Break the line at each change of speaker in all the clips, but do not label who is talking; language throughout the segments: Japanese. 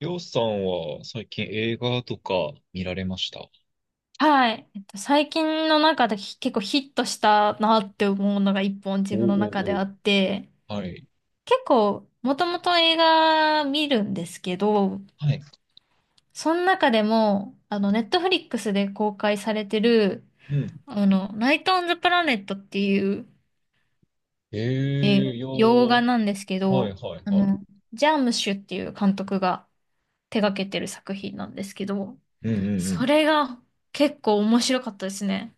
りょうさんは最近映画とか見られました？
はい。最近の中で結構ヒットしたなって思うのが一本
お
自分の中
お
であ
お、
って、
はい。
結構もともと映画見るんですけど、
はい。
その中でも、ネットフリックスで公開されてる、
うん。
ナイト・オン・ザ・プラネットっていう、
ええ、いや
洋画
ー、
なんですけ
はい
ど、
はい
あ
はい。
の、ジャームシュっていう監督が手掛けてる作品なんですけど、
うんうんう
そ
ん。
れが結構面白かったですね。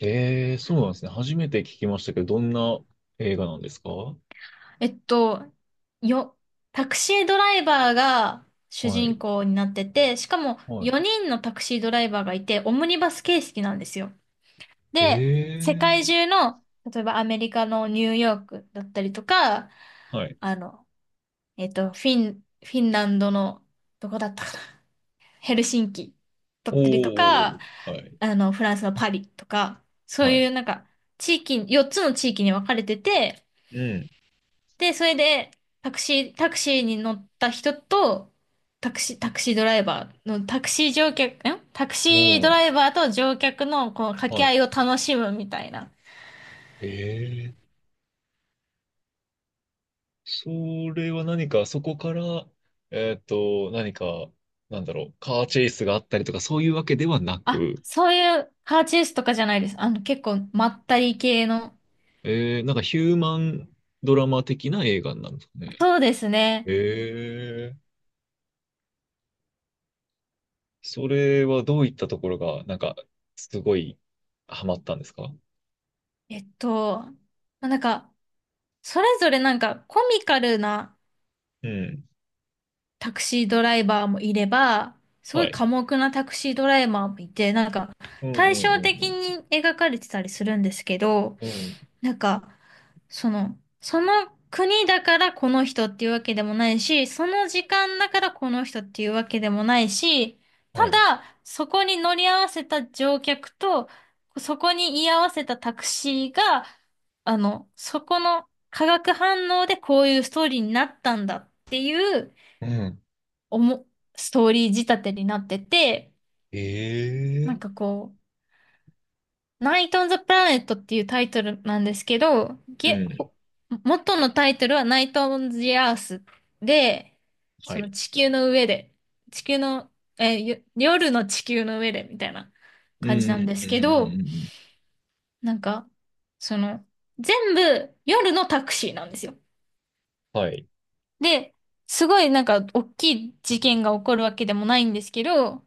ええ、そうなんですね。初めて聞きましたけど、どんな映画なんですか？は
えっと、よ、タクシードライバーが主
い。
人公になってて、しかも
はい。
4人のタクシードライバーがいて、オムニバス形式なんですよ。で、世界
え、
中の、例えばアメリカのニューヨークだったりとか、
はい。
あの、フィンランドの、どこだったかな、ヘルシンキだ
お
ったりとか、
ーおー、はい。
フランスのパリとか、そう
はい。
いうなんか、地域、4つの地域に分かれてて、
うん。
で、それで、タクシーに乗った人と、タクシー、タクシードライバーの、タクシー乗客、んタク
お
シードライ
ー、
バーと乗客の、この掛
は
け合
い。
いを楽しむみたいな。
えそれは何か、そこから、何か、なんだろう、カーチェイスがあったりとか、そういうわけではな
あ、
く、
そういうカーチェイスとかじゃないです。結構、まったり系の。
なんかヒューマンドラマ的な映画なんですかね。
そうですね。
えー、それはどういったところが、なんか、すごい、ハマったんですか？
まあなんか、それぞれなんか、コミカルな
うん。
タクシードライバーもいれば、すご
は
い
い。
寡黙なタクシードライバーもいて、なんか
うんう
対照
んう
的
ん
に描かれてたりするんですけど、
うん。うん。
なんかその、その国だからこの人っていうわけでもないし、その時間だからこの人っていうわけでもないし、
は
た
い。
だそこに乗り合わせた乗客と、そこに居合わせたタクシーが、そこの化学反応でこういうストーリーになったんだっていう、
うん。
おも、ストーリー仕立てになってて、
え
なんか
ー。
こう、ナイト・オン・ザ・プラネットっていうタイトルなんですけど、
うん。
元のタイトルはナイト・オン・ザ・アースで、
は
その
い。
地球の上で、地球の、えー、よ夜の地球の上でみたいな
う
感じなん
ん
で
うんうん
す
う
け
んうん
ど、
うん。
なんか、その、全部夜のタクシーなんですよ。
はい。
で、すごいなんか大きい事件が起こるわけでもないんですけど、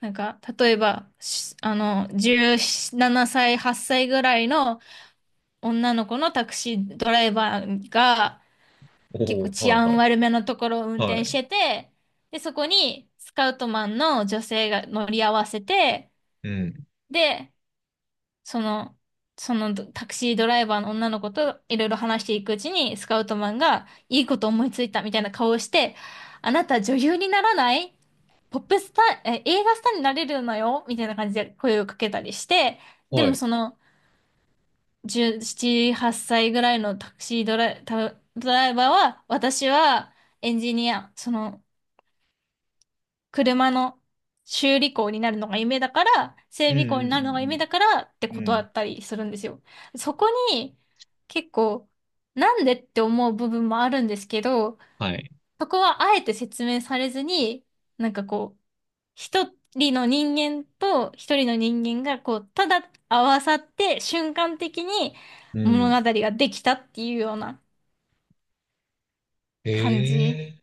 例えば、しあの、17歳、8歳ぐらいの女の子のタクシードライバーが結
お
構
お、
治
はいは
安
い。
悪めのところを運
は
転し
い。
てて、で、そこにスカウトマンの女性が乗り合わせて、
うん。
で、その、そのタクシードライバーの女の子といろいろ話していくうちに、スカウトマンがいいこと思いついたみたいな顔をして、あなた女優にならないポップスター、え、映画スターになれるのよみたいな感じで声をかけたりして、で
は
も
い。
その17、8歳ぐらいのタクシードライ、タドライバーは、私はエンジニア、その車の修理工になるのが夢だから、整
う
備
ん
工に
う
なるのが夢
ん
だからって
うんう
断
ん。
ったりするんですよ。そこに結構なんでって思う部分もあるんですけど、
はい。
そこはあえて説明されずに、なんかこう、一人の人間と一人の人間がこう、ただ合わさって瞬間的に
うんう
物
ん、
語ができたっていうような
え
感じ。
え、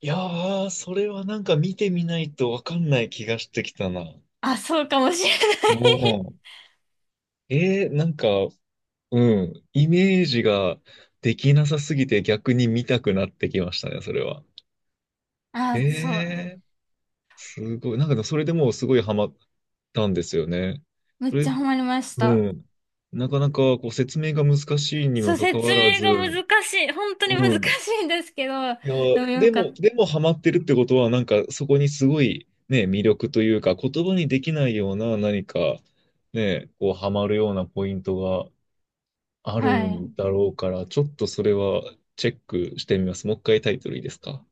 いやー、それはなんか見てみないとわかんない気がしてきたな。
あ、そうかもしれない。
もう、なんか、うん、イメージができなさすぎて逆に見たくなってきましたね、それは。え
あ、そう。
ーすごい。なんかでもそれでもうすごいハマったんですよね。
め
そ
っち
れ、
ゃハマりまし
う
た。
ん。なかなかこう説明が難しい に
そ
も
う、
かか
説
わら
明
ず、
が難しい。本当に難
うん。
しいんですけど、
いや、
でもよ
で
か
も、
っ
でもハマってるってことは、なんかそこにすごいね、魅力というか、言葉にできないような何か、ね、こうハマるようなポイントがあ
た。
る
はい。
んだろうから、ちょっとそれはチェックしてみます。もう一回タイトルいいですか？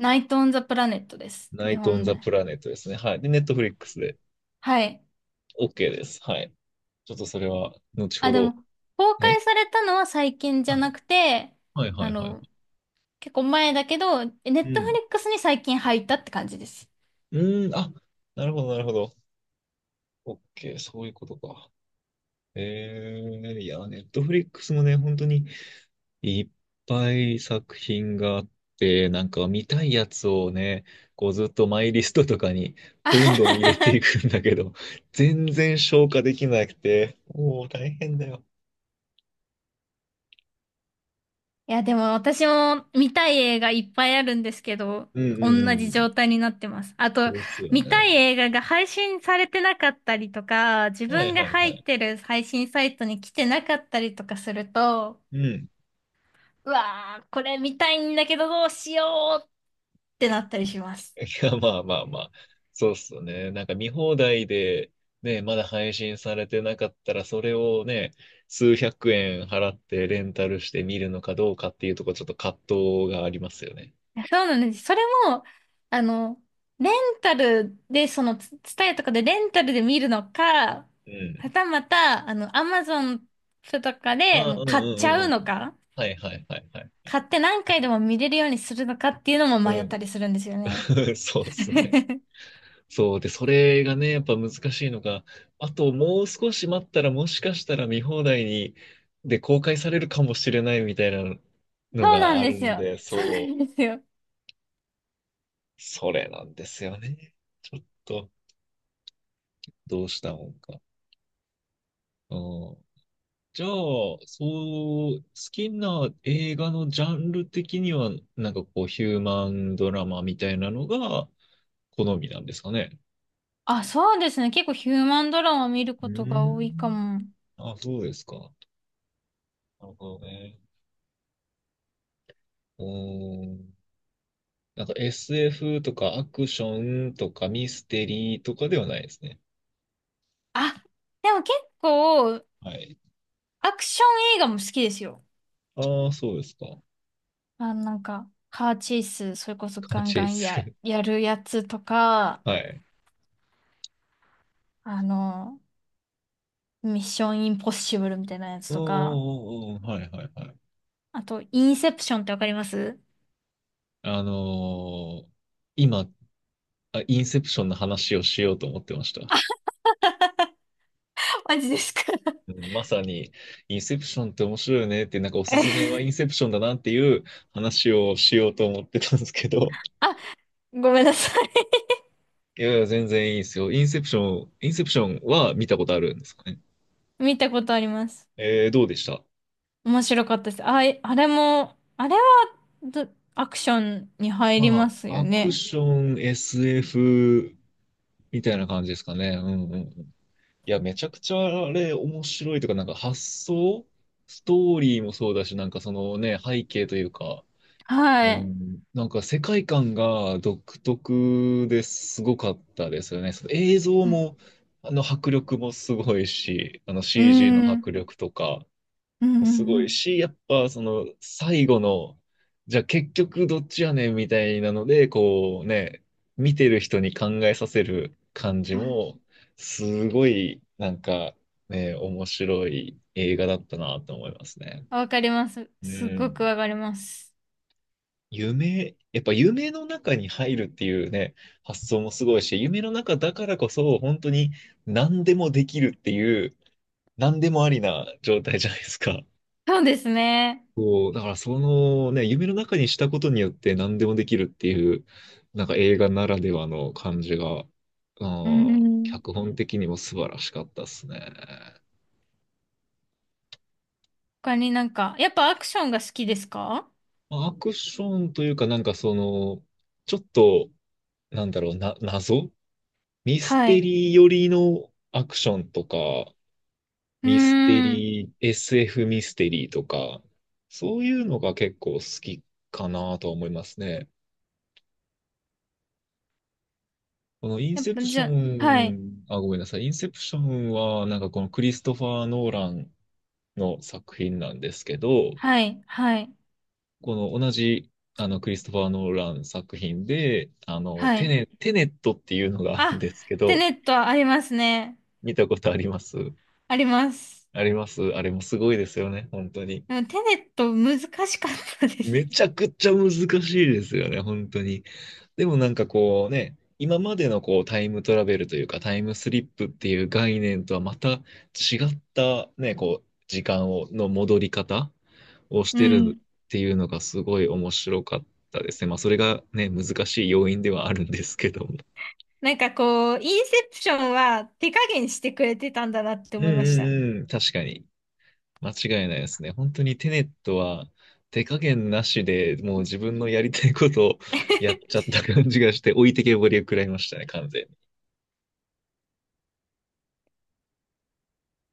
ナイト・オン・ザ・プラネットです。
ナ
日
イト・オン・
本で。
ザ・プラネットですね。はい。で、ネットフリックスで
はい。
OK です。はい。ちょっとそれは後ほ
あ、でも、
ど。
公
え、
開されたのは最近じゃ
は
な
い。
くて、
はいは
あ
いはい。
の、結構前だけど、ネ
う
ットフ
ん。
リックスに最近入ったって感じです。
うん、あ、なるほどなるほど。OK、そういうことか。えいや、ネットフリックスもね、本当にいっぱい作品があって、なんか見たいやつをね、こうずっとマイリストとかに
あ
どんど
は
ん入れて
は
いくんだけど、全然消化できなくて、もう大変だよ。
いや、でも私も見たい映画いっぱいあるんですけど、
うん
同
う
じ
ん
状態になってます。あ
うん。
と、
ですよ
見た
ね。
い映画が配信されてなかったりとか、自
はい
分が
はい
入
は
っ
い。
てる配信サイトに来てなかったりとかすると、
うん。
うわー、これ見たいんだけどどうしようってなったりします。
いや、まあまあまあ。そうっすよね。なんか見放題で、ね、まだ配信されてなかったら、それをね、数百円払ってレンタルして見るのかどうかっていうところ、ちょっと葛藤がありますよね。
そうなんです。それも、あの、レンタルで、その、ツツタヤとかでレンタルで見るのか、
うん。
はたまた、アマゾンとかで
ああ、
も
う
う
んうん
買っち
うん
ゃ
う
うの
ん。
か、
はいはいはいはい。
買って何回でも見れるようにするのかっていうのも
う
迷った
ん。
りするんですよね。
そうですね。そう。で、それがね、やっぱ難しいのが、あともう少し待ったら、もしかしたら見放題に、で、公開されるかもしれないみたいなの
そうな
が
ん
あ
で
る
す
の
よ。
で、
そうな
そ
ん
う。
ですよ。
それなんですよね。ちょっと、どうしたもんか。うん。じゃあ、そう、好きな映画のジャンル的には、なんかこう、ヒューマンドラマみたいなのが好みなんですかね。
あ、そうですね。結構ヒューマンドラマ見る
う
こ
ー
とが多いか
ん。
も。
あ、そうですか。なるほどね。うーん。なんか SF とかアクションとかミステリーとかではないですね。
あ、でも結構、
はい。
アクション映画も好きですよ。
ああ、そうですか。
あ、なんか、カーチェイス、それこそ
ガ
ガン
チェ
ガ
イ
ン
ス。
や、やるやつと か、
はい。
あの、ミッションインポッシブルみたいなやつ
うんう
とか、
んうんうん。はいはいはい。
あと、インセプションってわかります？
あのー今、インセプションの話をしようと思ってました。
マジですか？
うん、まさに、インセプションって面白いよねって、なんかお すすめはイ
え
ンセプションだなっていう話をしようと思ってたんですけど、
あ、ごめんなさい。
いやいや、全然いいですよ。インセプションは見たことあるんですかね。
見たことあります。
どうでした？
面白かったです。あ、えあれも、あれはど、アクションに入り
ま
ます
あ、
よ
アク
ね。
ション、SF みたいな感じですかね。うんうんうん、いや、めちゃくちゃあれ面白いというか、なんか発想、ストーリーもそうだし、なんかそのね、背景というか、
は
う
い。
ん、なんか世界観が独特ですごかったですよね。その映像
うん。
も、あの迫力もすごいし、あの
う
CG
ん。
の
うん。
迫力とか、
う
もす
ん
ご
う
い
ん。
し、やっぱその最後の、じゃあ結局どっちやねんみたいなので、こうね、見てる人に考えさせる感じも、すごいなんかね、面白い映画だったなと思いますね。
わかります。
う
すっごく
ん。
わかります。
やっぱ夢の中に入るっていうね、発想もすごいし、夢の中だからこそ本当に何でもできるっていう、何でもありな状態じゃないですか。
そうですね。
こう、だからそのね、夢の中にしたことによって何でもできるっていう、なんか映画ならではの感じが、
うん。
脚本的にも素晴らしかったですね。
他になんか、やっぱアクションが好きですか？
まあアクションというかなんかその、ちょっと、なんだろうな、謎ミス
は
テ
い。
リー寄りのアクションとか、
うー
ミステ
ん。
リー、SF ミステリーとか、そういうのが結構好きかなとは思いますね。このイン
やっ
セ
ぱ
プシ
じ
ョ
ゃ、はい、
ン、あ、ごめんなさい。インセプションは、なんかこのクリストファー・ノーランの作品なんですけど、
はい、はい、
この同じ、クリストファー・ノーラン作品で、
はい。
テネットっていうのがあるん
あ、
ですけ
テ
ど、
ネットはありますね。
見たことあります？
あります。
あります、あれもすごいですよね、本当に。
でもテネット難しかったです。
めちゃくちゃ難しいですよね、本当に。でもなんかこうね、今までのこうタイムトラベルというかタイムスリップっていう概念とはまた違ったね、こう時間を、の戻り方をし
う
てる
ん。
っていうのがすごい面白かったですね。まあそれがね、難しい要因ではあるんですけども。
なんかこう、インセプションは手加減してくれてたんだなって
うん
思いました。
うんうん、確かに。間違いないですね。本当にテネットは手加減なしでもう自分のやりたいことをやっ ちゃった感じがして置いてけぼりを食らいましたね、完全に。